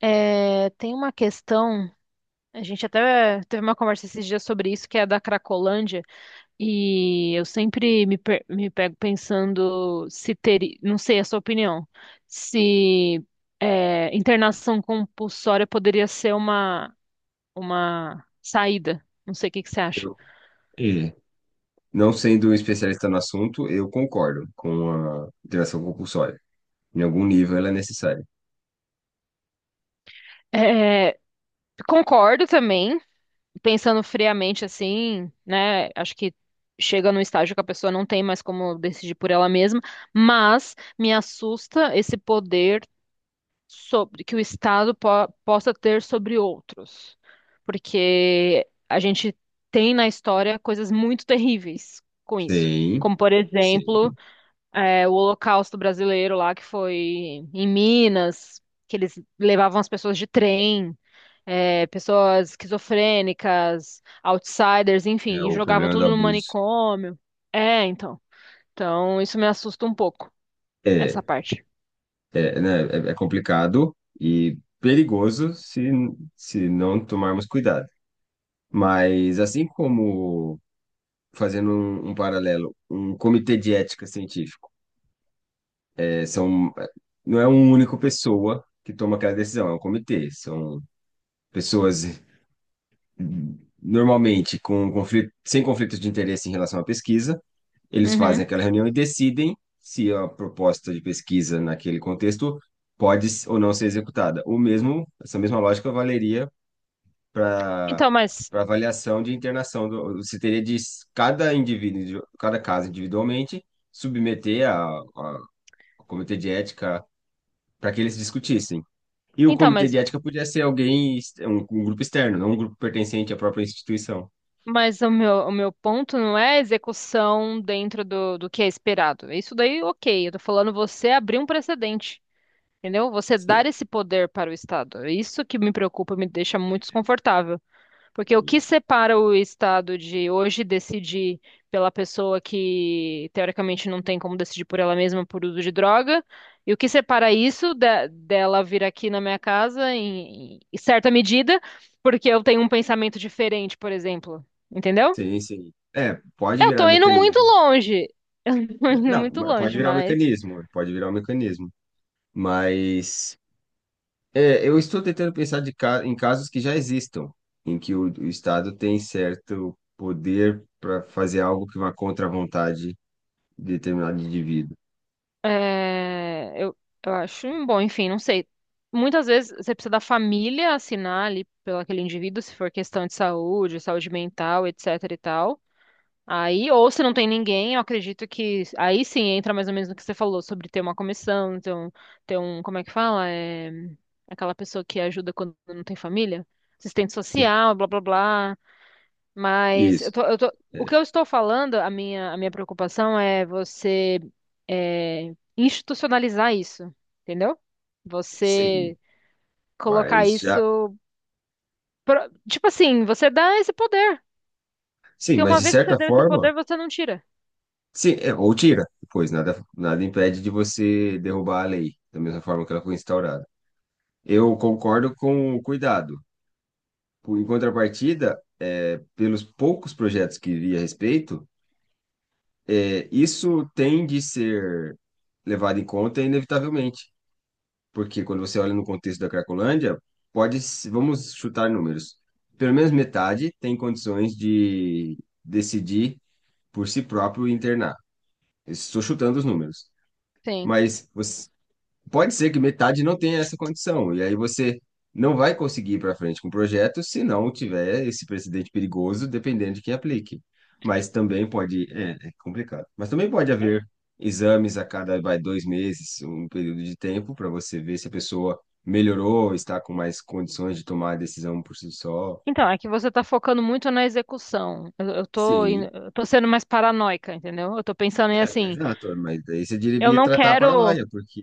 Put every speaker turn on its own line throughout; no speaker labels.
Tem uma questão, a gente até teve uma conversa esses dias sobre isso, que é a da Cracolândia, e eu sempre me pego pensando se teria, não sei a sua opinião, se internação compulsória poderia ser uma saída. Não sei o que que você acha.
Eu- e, não sendo um especialista no assunto, eu concordo com a interação compulsória. Em algum nível ela é necessária.
É, Concordo também pensando friamente assim, né? Acho que chega num estágio que a pessoa não tem mais como decidir por ela mesma, mas me assusta esse poder sobre que o Estado possa ter sobre outros, porque a gente tem na história coisas muito terríveis com isso.
Sim,
Como, por exemplo,
sim.
o Holocausto brasileiro lá, que foi em Minas, que eles levavam as pessoas de trem pessoas esquizofrênicas, outsiders,
É,
enfim, e
o
jogavam
problema do
tudo no
abuso
manicômio. É, então. Então, isso me assusta um pouco,
é,
essa parte.
né, é complicado e perigoso se não tomarmos cuidado. Mas assim como, fazendo um paralelo, um comitê de ética científico, é, são, é, não é uma única pessoa que toma aquela decisão, é um comitê, são pessoas normalmente sem conflitos de interesse em relação à pesquisa, eles
Uhum.
fazem aquela reunião e decidem se a proposta de pesquisa naquele contexto ou não ser executada. Essa mesma lógica valeria para
Então, mas,
para avaliação de internação você teria cada indivíduo, cada caso individualmente, submeter ao comitê de ética para que eles discutissem. E o
então,
comitê
mas,
de ética podia ser um grupo externo, não um grupo pertencente à própria instituição.
mas o meu ponto não é a execução dentro do que é esperado. Isso daí, ok. Eu tô falando você abrir um precedente, entendeu? Você dar esse poder para o Estado. É isso que me preocupa, me deixa muito desconfortável. Porque o que separa o Estado de hoje decidir pela pessoa que teoricamente não tem como decidir por ela mesma por uso de droga, e o que separa isso dela vir aqui na minha casa em certa medida, porque eu tenho um pensamento diferente, por exemplo. Entendeu?
Sim, sim. É, pode
Eu
virar
tô indo muito
mecanismo.
longe. Eu tô
É,
indo
não,
muito
mas
longe,
pode virar um
mas.
mecanismo, pode virar um mecanismo. Mas eu estou tentando pensar em casos que já existam, em que o Estado tem certo poder para fazer algo que vá contra a vontade de determinado indivíduo.
É, eu, eu acho um bom, enfim, não sei. Muitas vezes você precisa da família assinar ali pelo aquele indivíduo, se for questão de saúde, saúde mental, etc e tal. Aí, ou se não tem ninguém, eu acredito que aí sim entra mais ou menos no que você falou sobre ter uma comissão, como é que fala? Aquela pessoa que ajuda quando não tem família, assistente
Tu-
social, blá blá blá. Mas eu
Isso.
tô, eu tô, o
É,
que eu estou falando, a minha preocupação é você institucionalizar isso, entendeu?
sim,
Você colocar
mas já.
isso. Tipo assim, você dá esse poder.
Sim,
Porque
mas
uma
de
vez que você
certa
deu esse
forma.
poder, você não tira.
Sim, ou tira, pois nada impede de você derrubar a lei, da mesma forma que ela foi instaurada. Eu concordo com o cuidado. Em contrapartida, pelos poucos projetos que vi a respeito, isso tem de ser levado em conta inevitavelmente, porque quando você olha no contexto da Cracolândia, pode, se- vamos chutar números, pelo menos metade tem condições de decidir por si próprio e internar. Estou chutando os números,
Sim.
mas você pode ser que metade não tenha essa condição, e aí você não vai conseguir ir para frente com o projeto se não tiver esse precedente perigoso, dependendo de quem aplique. Mas também pode, é complicado. Mas também pode haver exames a cada, vai, dois meses, um período de tempo, para você ver se a pessoa melhorou, está com mais condições de tomar a decisão por si só.
Então, é que você está focando muito na execução. Eu, eu tô, indo-
Sim,
eu tô sendo mais paranoica, entendeu? Eu tô pensando em assim,
exato, mas daí você
eu
deveria
não
tratar a
quero.
paranoia, porque.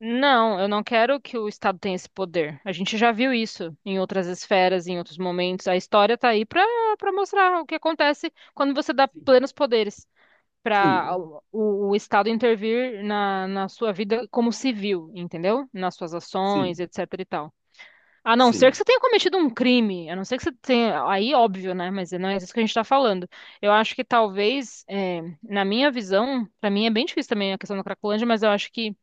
Não, eu não quero que o Estado tenha esse poder. A gente já viu isso em outras esferas, em outros momentos. A história está aí para para mostrar o que acontece quando você dá plenos poderes para
Sim,
o Estado intervir na sua vida como civil, entendeu? Nas suas
sim,
ações,
sim,
etc e tal. A não ser que
sim.
você tenha cometido um crime, a não ser que você tenha. Aí, óbvio, né? Mas não é isso que a gente está falando. Eu acho que talvez, na minha visão, para mim é bem difícil também a questão da Cracolândia, mas eu acho que.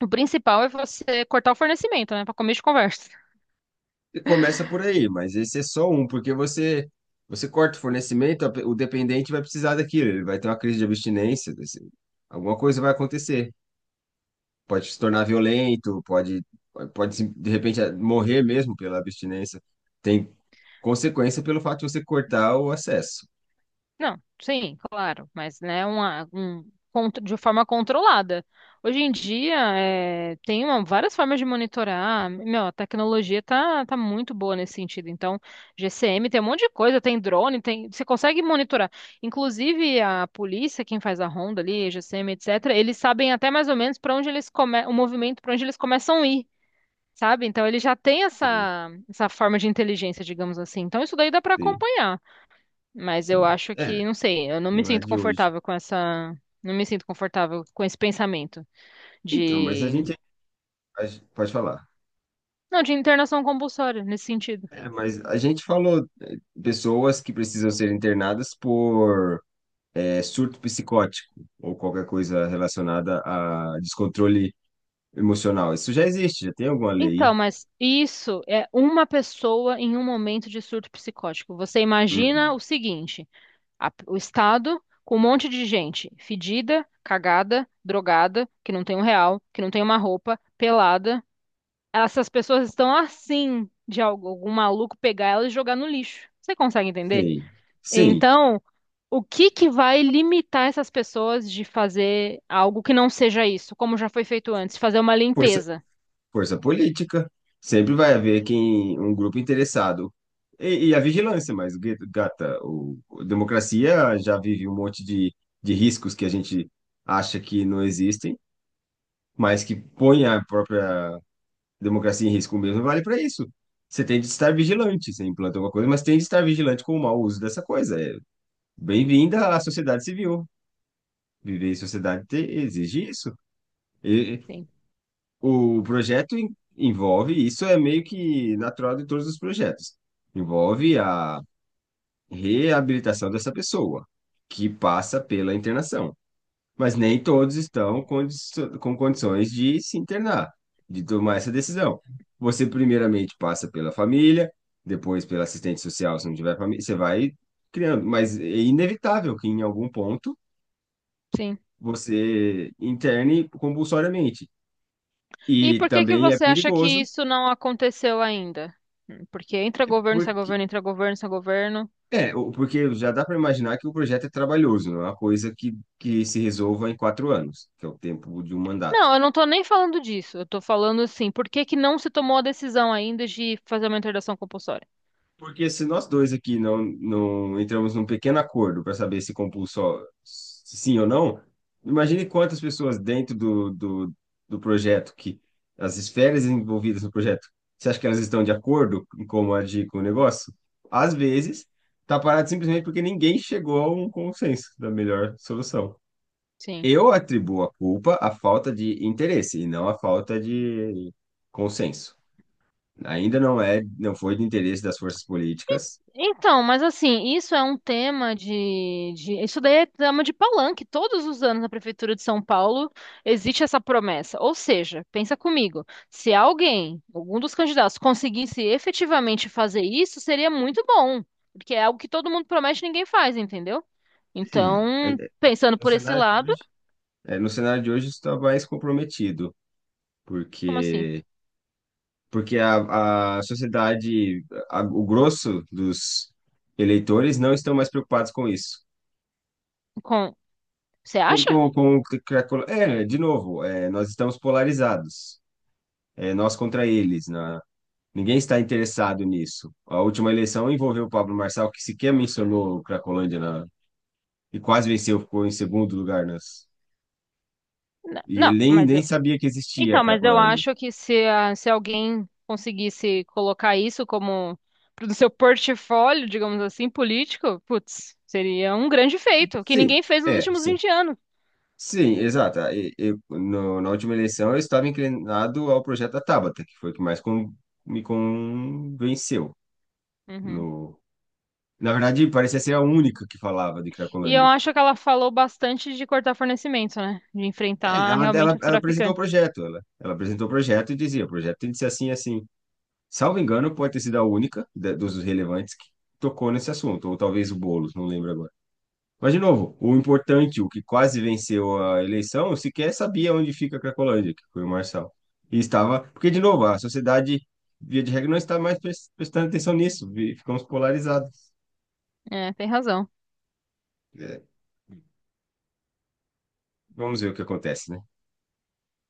O principal é você cortar o fornecimento, né? Para começo de conversa.
Começa por aí, mas esse é só um, porque você corta o fornecimento, o dependente vai precisar daquilo, ele vai ter uma crise de abstinência, alguma coisa vai acontecer. Pode se tornar violento, pode se- de repente morrer mesmo pela abstinência. Tem consequência pelo fato de você cortar o acesso.
Não, sim, claro, mas né, de forma controlada. Hoje em dia, tem várias formas de monitorar. Meu, a tecnologia tá muito boa nesse sentido. Então, GCM tem um monte de coisa, tem drone, tem, você consegue monitorar. Inclusive, a polícia, quem faz a ronda ali, GCM, etc., eles sabem até mais ou menos para onde eles o movimento, para onde eles começam a ir. Sabe? Então ele já tem
Sim,
essa forma de inteligência, digamos assim. Então isso daí dá pra
sim,
acompanhar, mas eu
sim.
acho
É,
que, não sei, eu não me
não é
sinto
de hoje.
confortável com essa, não me sinto confortável com esse pensamento
Então, mas
de,
pode falar.
não, de internação compulsória nesse sentido.
É, mas a gente falou pessoas que precisam ser internadas por surto psicótico ou qualquer coisa relacionada a descontrole emocional. Isso já existe, já tem alguma
Então,
lei.
mas isso é uma pessoa em um momento de surto psicótico. Você imagina
Uhum.
o seguinte: o Estado com um monte de gente fedida, cagada, drogada, que não tem um real, que não tem uma roupa, pelada. Essas pessoas estão assim de algum maluco pegar elas e jogar no lixo. Você consegue entender?
Sim. Sim,
Então, o que que vai limitar essas pessoas de fazer algo que não seja isso, como já foi feito antes, fazer uma
força,
limpeza?
força política. Sempre vai haver um grupo interessado. E a vigilância, mas, gata, a democracia já vive um monte de riscos que a gente acha que não existem, mas que põe a própria democracia em risco mesmo vale para isso. Você tem de estar vigilante, você implanta alguma coisa, mas tem de estar vigilante com o mau uso dessa coisa. É bem-vinda à sociedade civil. Viver em sociedade te- exige isso. E
Sim,
o projeto envolve, isso é meio que natural de todos os projetos, envolve a reabilitação dessa pessoa, que passa pela internação. Mas nem todos com condições de se internar, de tomar essa decisão. Você primeiramente passa pela família, depois pela assistente social, se não tiver família, você vai criando, mas é inevitável que em algum ponto
sim.
você interne compulsoriamente.
E
E
por que que
também é
você acha que
perigoso,
isso não aconteceu ainda? Hum. Porque entra
é
governo, sai
porque
governo, entra governo, sai governo.
porque já dá para imaginar que o projeto é trabalhoso, não é uma coisa que se resolva em quatro anos, que é o tempo de um mandato.
Não, eu não tô nem falando disso. Eu tô falando assim, por que que não se tomou a decisão ainda de fazer uma interdição compulsória?
Porque se nós dois aqui não entramos num pequeno acordo para saber se compulsó sim ou não, imagine quantas pessoas do projeto, que as esferas envolvidas no projeto, você acha que elas estão de acordo em como agir com o negócio? Às vezes, está parado simplesmente porque ninguém chegou a um consenso da melhor solução.
Sim.
Eu atribuo a culpa à falta de interesse e não à falta de consenso. Ainda não foi de interesse das forças políticas.
Então, mas assim, isso é um tema isso daí é tema de palanque. Todos os anos na Prefeitura de São Paulo existe essa promessa. Ou seja, pensa comigo, se alguém, algum dos candidatos, conseguisse efetivamente fazer isso, seria muito bom. Porque é algo que todo mundo promete e ninguém faz, entendeu?
Hum, é-
Então, pensando
No
por esse
cenário de
lado,
hoje, no cenário de hoje está mais comprometido,
como assim?
porque porque a sociedade, o grosso dos eleitores não estão mais preocupados com isso.
Com... Você acha?
Que a é, de novo, nós estamos polarizados, nós contra eles, ninguém está interessado nisso. A última eleição envolveu o Pablo Marçal, que sequer mencionou Cracolândia e quase venceu, ficou em segundo lugar nas,
N-
e
Não,
ele
mas
nem
eu,
sabia que existia a
Então, mas eu
Cracolândia.
acho que se alguém conseguisse colocar isso como pro seu portfólio, digamos assim, político, putz, seria um grande feito, que
Sim,
ninguém fez nos
é,
últimos
sim.
20 anos.
Sim, exato. Eu, no- na última eleição eu estava inclinado ao projeto da Tabata, que foi o que me convenceu.
Uhum.
No, na verdade, parecia ser a única que falava de
E eu
Cracolândia.
acho que ela falou bastante de cortar fornecimento, né? De
É,
enfrentar realmente os
Ela apresentou o
traficantes.
projeto, ela apresentou o projeto e dizia, o projeto tem de ser assim, assim. Salvo engano, pode ter sido a única dos relevantes que tocou nesse assunto, ou talvez o Boulos, não lembro agora. Mas, de novo, o importante, o que quase venceu a eleição, sequer sabia onde fica a Cracolândia, que foi o Marçal. E estava. Porque, de novo, a sociedade, via de regra, não está mais prestando atenção nisso. Ficamos polarizados.
É, tem razão.
É, vamos ver o que acontece, né?